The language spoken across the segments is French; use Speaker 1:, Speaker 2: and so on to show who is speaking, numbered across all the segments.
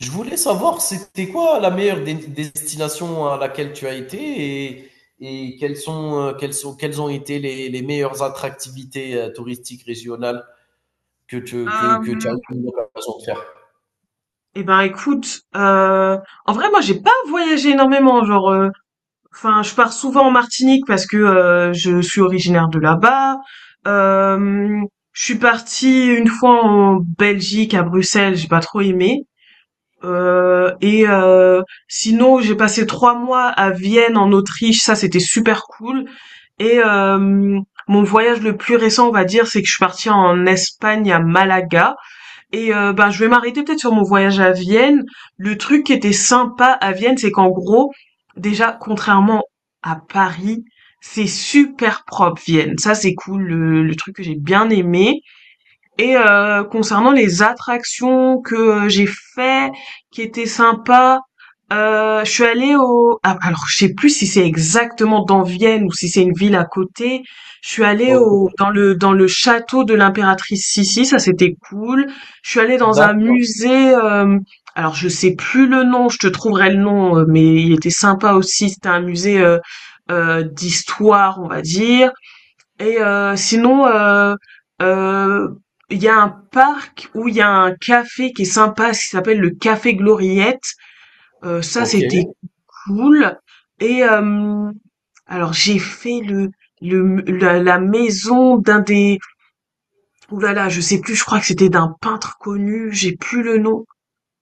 Speaker 1: Je voulais savoir, c'était quoi la meilleure destination à laquelle tu as été et, et quelles sont, quelles sont, quelles ont été les meilleures attractivités touristiques régionales que que tu as eu l'occasion de faire?
Speaker 2: Et ben écoute, en vrai moi j'ai pas voyagé énormément, genre, enfin je pars souvent en Martinique parce que je suis originaire de là-bas. Euh, je suis partie une fois en Belgique à Bruxelles, j'ai pas trop aimé. Et sinon j'ai passé 3 mois à Vienne en Autriche, ça c'était super cool. Et mon voyage le plus récent on va dire c'est que je suis partie en Espagne à Malaga. Et ben, je vais m'arrêter peut-être sur mon voyage à Vienne. Le truc qui était sympa à Vienne, c'est qu'en gros, déjà, contrairement à Paris, c'est super propre Vienne. Ça, c'est cool, le truc que j'ai bien aimé. Et concernant les attractions que, j'ai fait, qui étaient sympas, je suis allée au a alors je sais plus si c'est exactement dans Vienne ou si c'est une ville à côté. Je suis allée au
Speaker 1: Ok,
Speaker 2: dans le château de l'impératrice Sissi, ça c'était cool. Je suis allée dans un
Speaker 1: d'accord.
Speaker 2: musée, alors je sais plus le nom, je te trouverai le nom, mais il était sympa aussi. C'était un musée, d'histoire, on va dire. Et sinon, euh, il y a un parc où il y a un café qui est sympa, qui s'appelle le Café Gloriette. Ça,
Speaker 1: Ok,
Speaker 2: c'était cool. Et alors, j'ai fait la maison d'un des... Ouh là là, je sais plus, je crois que c'était d'un peintre connu, j'ai plus le nom.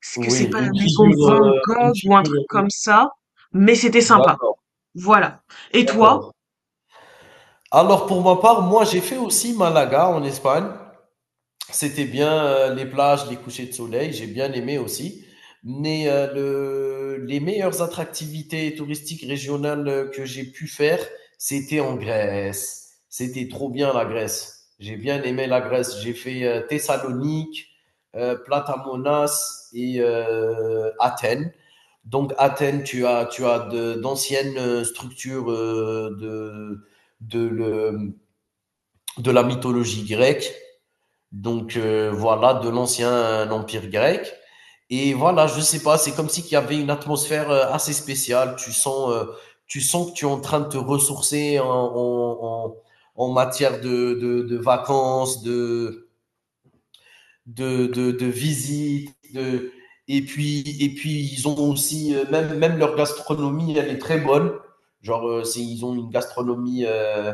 Speaker 2: Est-ce que c'est
Speaker 1: oui,
Speaker 2: pas la
Speaker 1: une
Speaker 2: maison de
Speaker 1: figure,
Speaker 2: Van
Speaker 1: une
Speaker 2: Gogh ou un truc
Speaker 1: figure.
Speaker 2: comme ça? Mais c'était sympa.
Speaker 1: D'accord.
Speaker 2: Voilà. Et toi?
Speaker 1: D'accord. Alors pour ma part, moi j'ai fait aussi Malaga en Espagne. C'était bien les plages, les couchers de soleil, j'ai bien aimé aussi. Mais les meilleures attractivités touristiques régionales que j'ai pu faire, c'était en Grèce. C'était trop bien la Grèce. J'ai bien aimé la Grèce. J'ai fait Thessalonique, Platamonas et Athènes. Donc Athènes, tu as d'anciennes structures de, le- de la mythologie grecque. Donc voilà, de l'ancien empire grec. Et voilà, je sais pas, c'est comme si qu'il y avait une atmosphère assez spéciale. Tu sens que tu es en train de te ressourcer en matière de vacances, de visites, de... et puis ils ont aussi même leur gastronomie elle est très bonne. Genre ils ont une gastronomie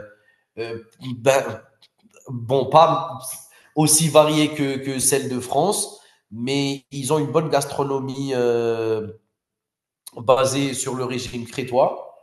Speaker 1: euh, ben, bon, pas aussi variées que celles de France, mais ils ont une bonne gastronomie basée sur le régime crétois,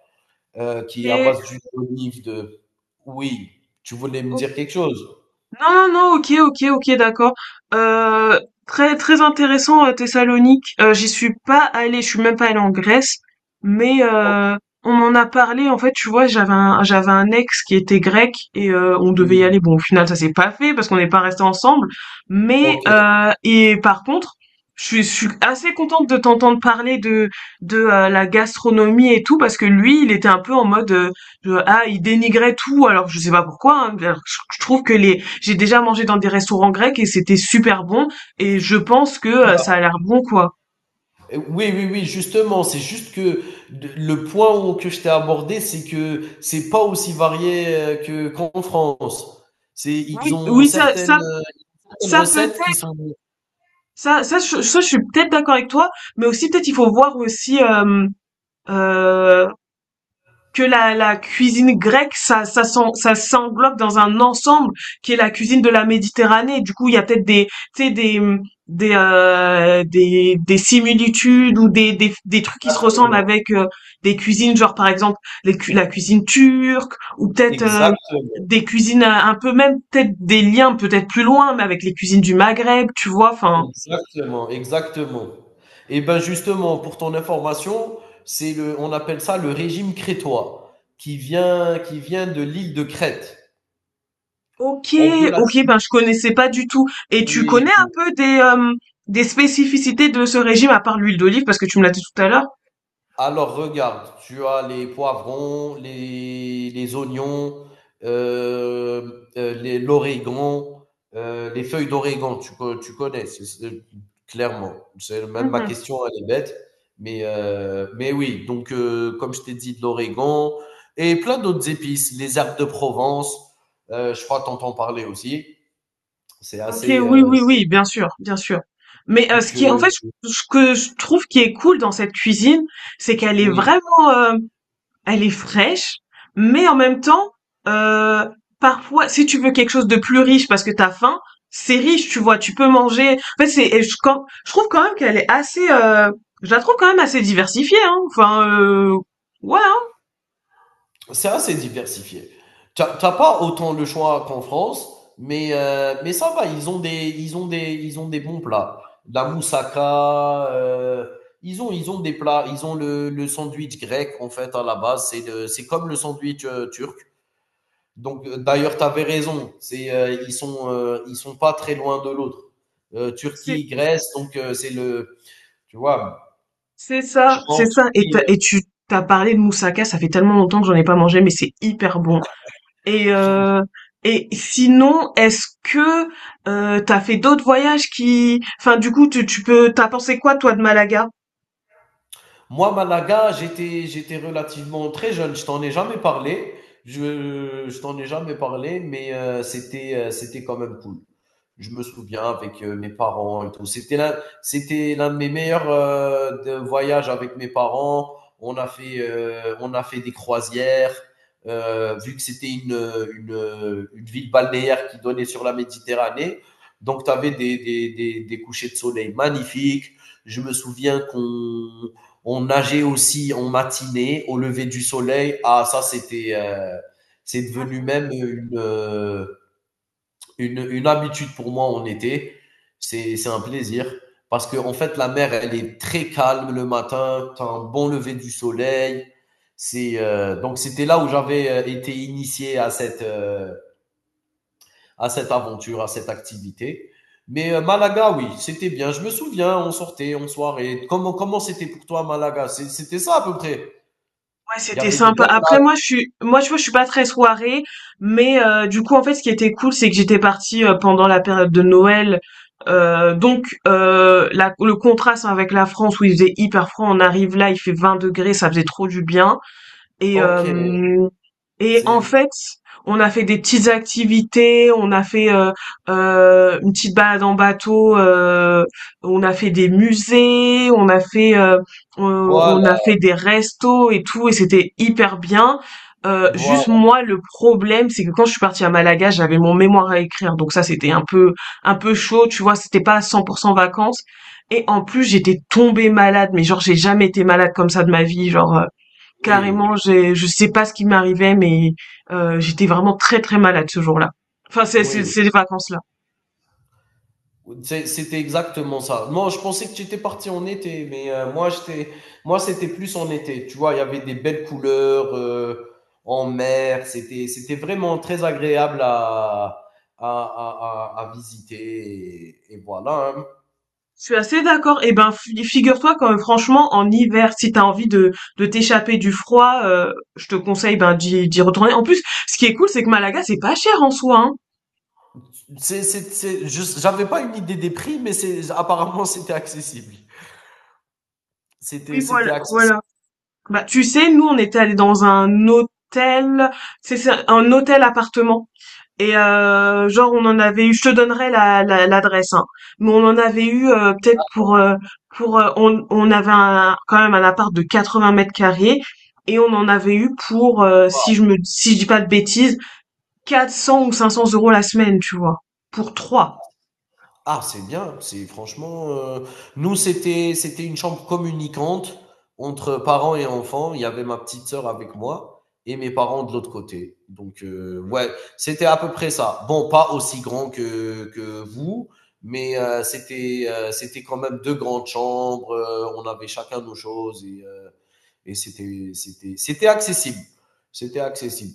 Speaker 1: qui est à
Speaker 2: Ok.
Speaker 1: base d'huile d'olive. De... Oui, tu voulais me dire quelque chose.
Speaker 2: Non, non, non, ok, ok, ok, d'accord. Euh, Très, très intéressant, Thessalonique. J'y suis pas allée, je suis même pas allée en Grèce, mais on m'en a parlé. En fait, tu vois, j'avais un ex qui était grec et on devait y
Speaker 1: Mm.
Speaker 2: aller. Bon, au final, ça s'est pas fait parce qu'on n'est pas resté ensemble. Mais
Speaker 1: Ok.
Speaker 2: et par contre, je suis assez contente de t'entendre parler de la gastronomie et tout parce que lui, il était un peu en mode ah, il dénigrait tout. Alors, je sais pas pourquoi, hein, alors que je trouve que les j'ai déjà mangé dans des restaurants grecs et c'était super bon et je pense que ça a l'air bon quoi.
Speaker 1: Oui, oui, oui, justement, c'est juste que que je t'ai abordé, c'est que c'est pas aussi varié que qu'en France. C'est, ils
Speaker 2: Oui,
Speaker 1: ont
Speaker 2: oui, ça,
Speaker 1: certaines,
Speaker 2: ça,
Speaker 1: certaines
Speaker 2: ça
Speaker 1: recettes qui
Speaker 2: peut-être,
Speaker 1: sont.
Speaker 2: ça, ça, je suis peut-être d'accord avec toi, mais aussi peut-être il faut voir aussi euh, que la cuisine grecque, ça s'englobe dans un ensemble qui est la cuisine de la Méditerranée. Du coup, il y a peut-être tu sais, des similitudes ou des trucs qui se ressemblent
Speaker 1: Exactement.
Speaker 2: avec des cuisines, genre par exemple les la cuisine turque ou peut-être
Speaker 1: Exactement.
Speaker 2: des cuisines un peu même peut-être des liens peut-être plus loin, mais avec les cuisines du Maghreb, tu vois. Enfin,
Speaker 1: Exactement, exactement. Et ben justement, pour ton information, c'est le, on appelle ça le régime crétois, qui vient de l'île de Crète.
Speaker 2: OK,
Speaker 1: On peut la
Speaker 2: OK,
Speaker 1: citer.
Speaker 2: ben je connaissais pas du tout. Et tu
Speaker 1: Oui,
Speaker 2: connais un
Speaker 1: oui.
Speaker 2: peu des spécificités de ce régime à part l'huile d'olive parce que tu me l'as dit tout à l'heure?
Speaker 1: Alors regarde, tu as les poivrons, les oignons, l'origan, les feuilles d'origan, tu connais, clairement. C'est, même ma
Speaker 2: Mhm.
Speaker 1: question, elle est bête. Mais oui, donc comme je t'ai dit, de l'origan et plein d'autres épices, les herbes de Provence, je crois que t'entends parler aussi. C'est
Speaker 2: Ok,
Speaker 1: assez...
Speaker 2: oui, oui, oui, bien sûr, bien sûr. Mais ce
Speaker 1: donc,
Speaker 2: qui, en fait, ce que je trouve qui est cool dans cette cuisine, c'est qu'elle est
Speaker 1: oui,
Speaker 2: vraiment, elle est fraîche, mais en même temps, euh, parfois, si tu veux quelque chose de plus riche parce que t'as faim, c'est riche, tu vois, tu peux manger. En fait, c'est, et je, je trouve quand même qu'elle est assez, je la trouve quand même assez diversifiée, hein. Enfin, ouais, hein.
Speaker 1: c'est assez diversifié. T'as pas autant le choix qu'en France, mais ça va, ils ont des bons plats. La moussaka, ils ont des plats, ils ont le sandwich grec en fait à la base, c'est comme le sandwich turc. Donc d'ailleurs, tu avais raison, ils sont pas très loin de l'autre.
Speaker 2: c'est,
Speaker 1: Turquie, Grèce, donc tu vois,
Speaker 2: c'est
Speaker 1: je
Speaker 2: ça,
Speaker 1: crois
Speaker 2: c'est
Speaker 1: en
Speaker 2: ça. Et,
Speaker 1: Turquie,
Speaker 2: t'as- et tu t'as parlé de moussaka, ça fait tellement longtemps que j'en ai pas mangé, mais c'est hyper bon. Et
Speaker 1: euh,
Speaker 2: euh, et sinon, est-ce que t'as fait d'autres voyages qui, enfin, du coup, t'as pensé quoi toi de Malaga?
Speaker 1: Moi, Malaga, j'étais relativement très jeune. Je t'en ai jamais parlé. Je t'en ai jamais parlé, mais c'était quand même cool. Je me souviens avec mes parents et tout. C'était l'un de mes meilleurs de voyages avec mes parents. On a fait des croisières. Vu que c'était une ville balnéaire qui donnait sur la Méditerranée, donc tu avais des couchers de soleil magnifiques. Je me souviens qu'on on nageait aussi en matinée, au lever du soleil. Ah, ça, c'était, c'est devenu même une habitude pour moi en été. C'est un plaisir. Parce que, en fait, la mer, elle est très calme le matin. T'as un bon lever du soleil. Donc, c'était là où j'avais été initié à cette aventure, à cette activité. Mais Malaga, oui, c'était bien. Je me souviens, on sortait en soirée. Comment c'était pour toi, Malaga? C'était ça à peu près.
Speaker 2: Ouais,
Speaker 1: Il y
Speaker 2: c'était
Speaker 1: avait des
Speaker 2: sympa.
Speaker 1: belles
Speaker 2: Après
Speaker 1: plages.
Speaker 2: moi tu vois, je suis pas très soirée, mais du coup en fait ce qui était cool, c'est que j'étais partie, pendant la période de Noël, donc la le contraste avec la France où il faisait hyper froid, on arrive là, il fait 20 degrés, ça faisait trop du bien. Et
Speaker 1: OK,
Speaker 2: euh, et en
Speaker 1: c'est
Speaker 2: fait, on a fait des petites activités, on a fait une petite balade en bateau, on a fait des musées, on a fait
Speaker 1: voilà,
Speaker 2: on a fait des restos et tout, et c'était hyper bien.
Speaker 1: voilà.
Speaker 2: Juste moi, le problème, c'est que quand je suis partie à Malaga, j'avais mon mémoire à écrire, donc ça c'était un peu chaud, tu vois, c'était pas 100% vacances. Et en plus, j'étais tombée malade, mais genre j'ai jamais été malade comme ça de ma vie, genre carrément,
Speaker 1: Oui,
Speaker 2: j'ai je sais pas ce qui m'arrivait, mais j'étais vraiment très, très malade ce jour-là. Enfin,
Speaker 1: oui,
Speaker 2: c'est les vacances-là.
Speaker 1: oui. C'était exactement ça. Non, je pensais que tu étais parti en été, mais moi, c'était plus en été. Tu vois, il y avait des belles couleurs en mer. C'était vraiment très agréable à visiter. Et voilà. Hein.
Speaker 2: Je suis assez d'accord et ben, fi figure-toi que franchement en hiver, si t'as envie de t'échapper du froid, je te conseille, ben, d'y retourner. En plus, ce qui est cool, c'est que Malaga, c'est pas cher en soi, hein.
Speaker 1: J'avais pas une idée des prix, mais c'est, apparemment, c'était accessible.
Speaker 2: Oui, voilà,
Speaker 1: C'était accessible.
Speaker 2: voilà. Bah, tu sais, nous, on était allés dans un hôtel, c'est un hôtel appartement. Et genre, on en avait eu, je te donnerai l'adresse, hein. Mais on en avait eu peut-être on avait quand même un appart de 80 m² mètres carrés et on en avait eu pour si je dis pas de bêtises 400 ou 500 € la semaine, tu vois, pour trois.
Speaker 1: Ah, c'est bien, c'est franchement, nous, c'était une chambre communicante entre parents et enfants. Il y avait ma petite sœur avec moi et mes parents de l'autre côté. Donc ouais, c'était à peu près ça. Bon, pas aussi grand que vous, mais c'était quand même 2 grandes chambres, on avait chacun nos choses et c'était accessible, c'était accessible.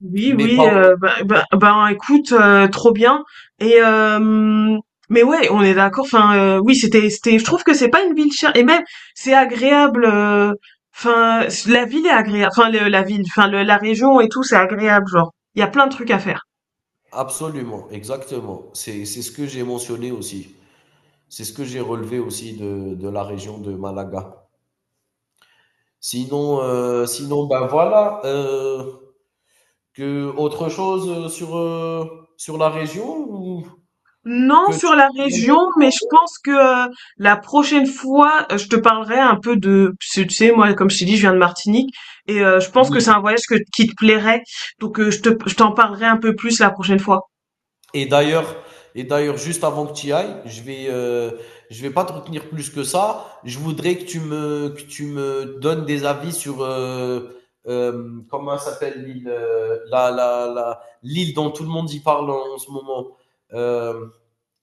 Speaker 2: Oui,
Speaker 1: Mais pas
Speaker 2: oui,
Speaker 1: en
Speaker 2: ben, écoute, trop bien et mais ouais, on est d'accord, enfin, oui, c'était c'était je trouve que c'est pas une ville chère et même c'est agréable, enfin, la ville est agréable, enfin le la ville, enfin le la région et tout, c'est agréable, genre. Il y a plein de trucs à faire.
Speaker 1: absolument, exactement. C'est ce que j'ai mentionné aussi. C'est ce que j'ai relevé aussi de la région de Malaga. Sinon, sinon ben voilà. Que autre chose sur, sur la région ou
Speaker 2: Non,
Speaker 1: que tu-
Speaker 2: sur la région, mais je pense que la prochaine fois, je te parlerai un peu de, tu sais, moi, comme je t'ai dit, je viens de Martinique, et je pense que c'est
Speaker 1: Oui.
Speaker 2: un voyage que, qui te plairait, donc je t'en parlerai un peu plus la prochaine fois.
Speaker 1: Et d'ailleurs, et d'ailleurs, juste avant que tu y ailles, je vais pas te retenir plus que ça. Je voudrais que tu me donnes des avis sur comment s'appelle l'île, l'île dont tout le monde y parle en ce moment. Euh,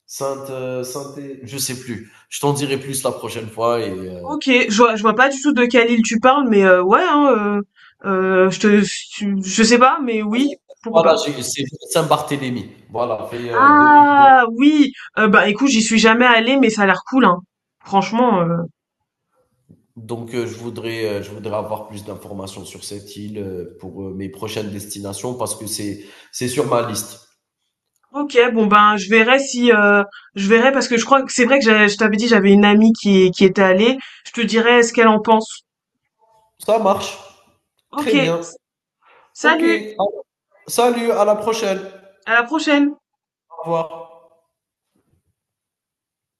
Speaker 1: Sainte, je sais plus. Je t'en dirai plus la prochaine fois. Et
Speaker 2: Ok, je vois pas du tout de quelle île tu parles, mais ouais, hein, euh, je te, je sais pas, mais oui, pourquoi
Speaker 1: voilà,
Speaker 2: pas.
Speaker 1: c'est Saint-Barthélemy. Voilà, fait deux-
Speaker 2: Ah oui, bah écoute, j'y suis jamais allée, mais ça a l'air cool, hein. Franchement.
Speaker 1: Donc, je voudrais avoir plus d'informations sur cette île pour mes prochaines destinations parce que c'est sur ma liste.
Speaker 2: Ok, bon ben je verrai si je verrai parce que je crois que c'est vrai que je t'avais dit j'avais une amie qui était allée. Je te dirai ce qu'elle en pense.
Speaker 1: Ça marche.
Speaker 2: Ok,
Speaker 1: Très bien. Ok.
Speaker 2: salut,
Speaker 1: Salut, à la prochaine.
Speaker 2: à la prochaine.
Speaker 1: Au revoir.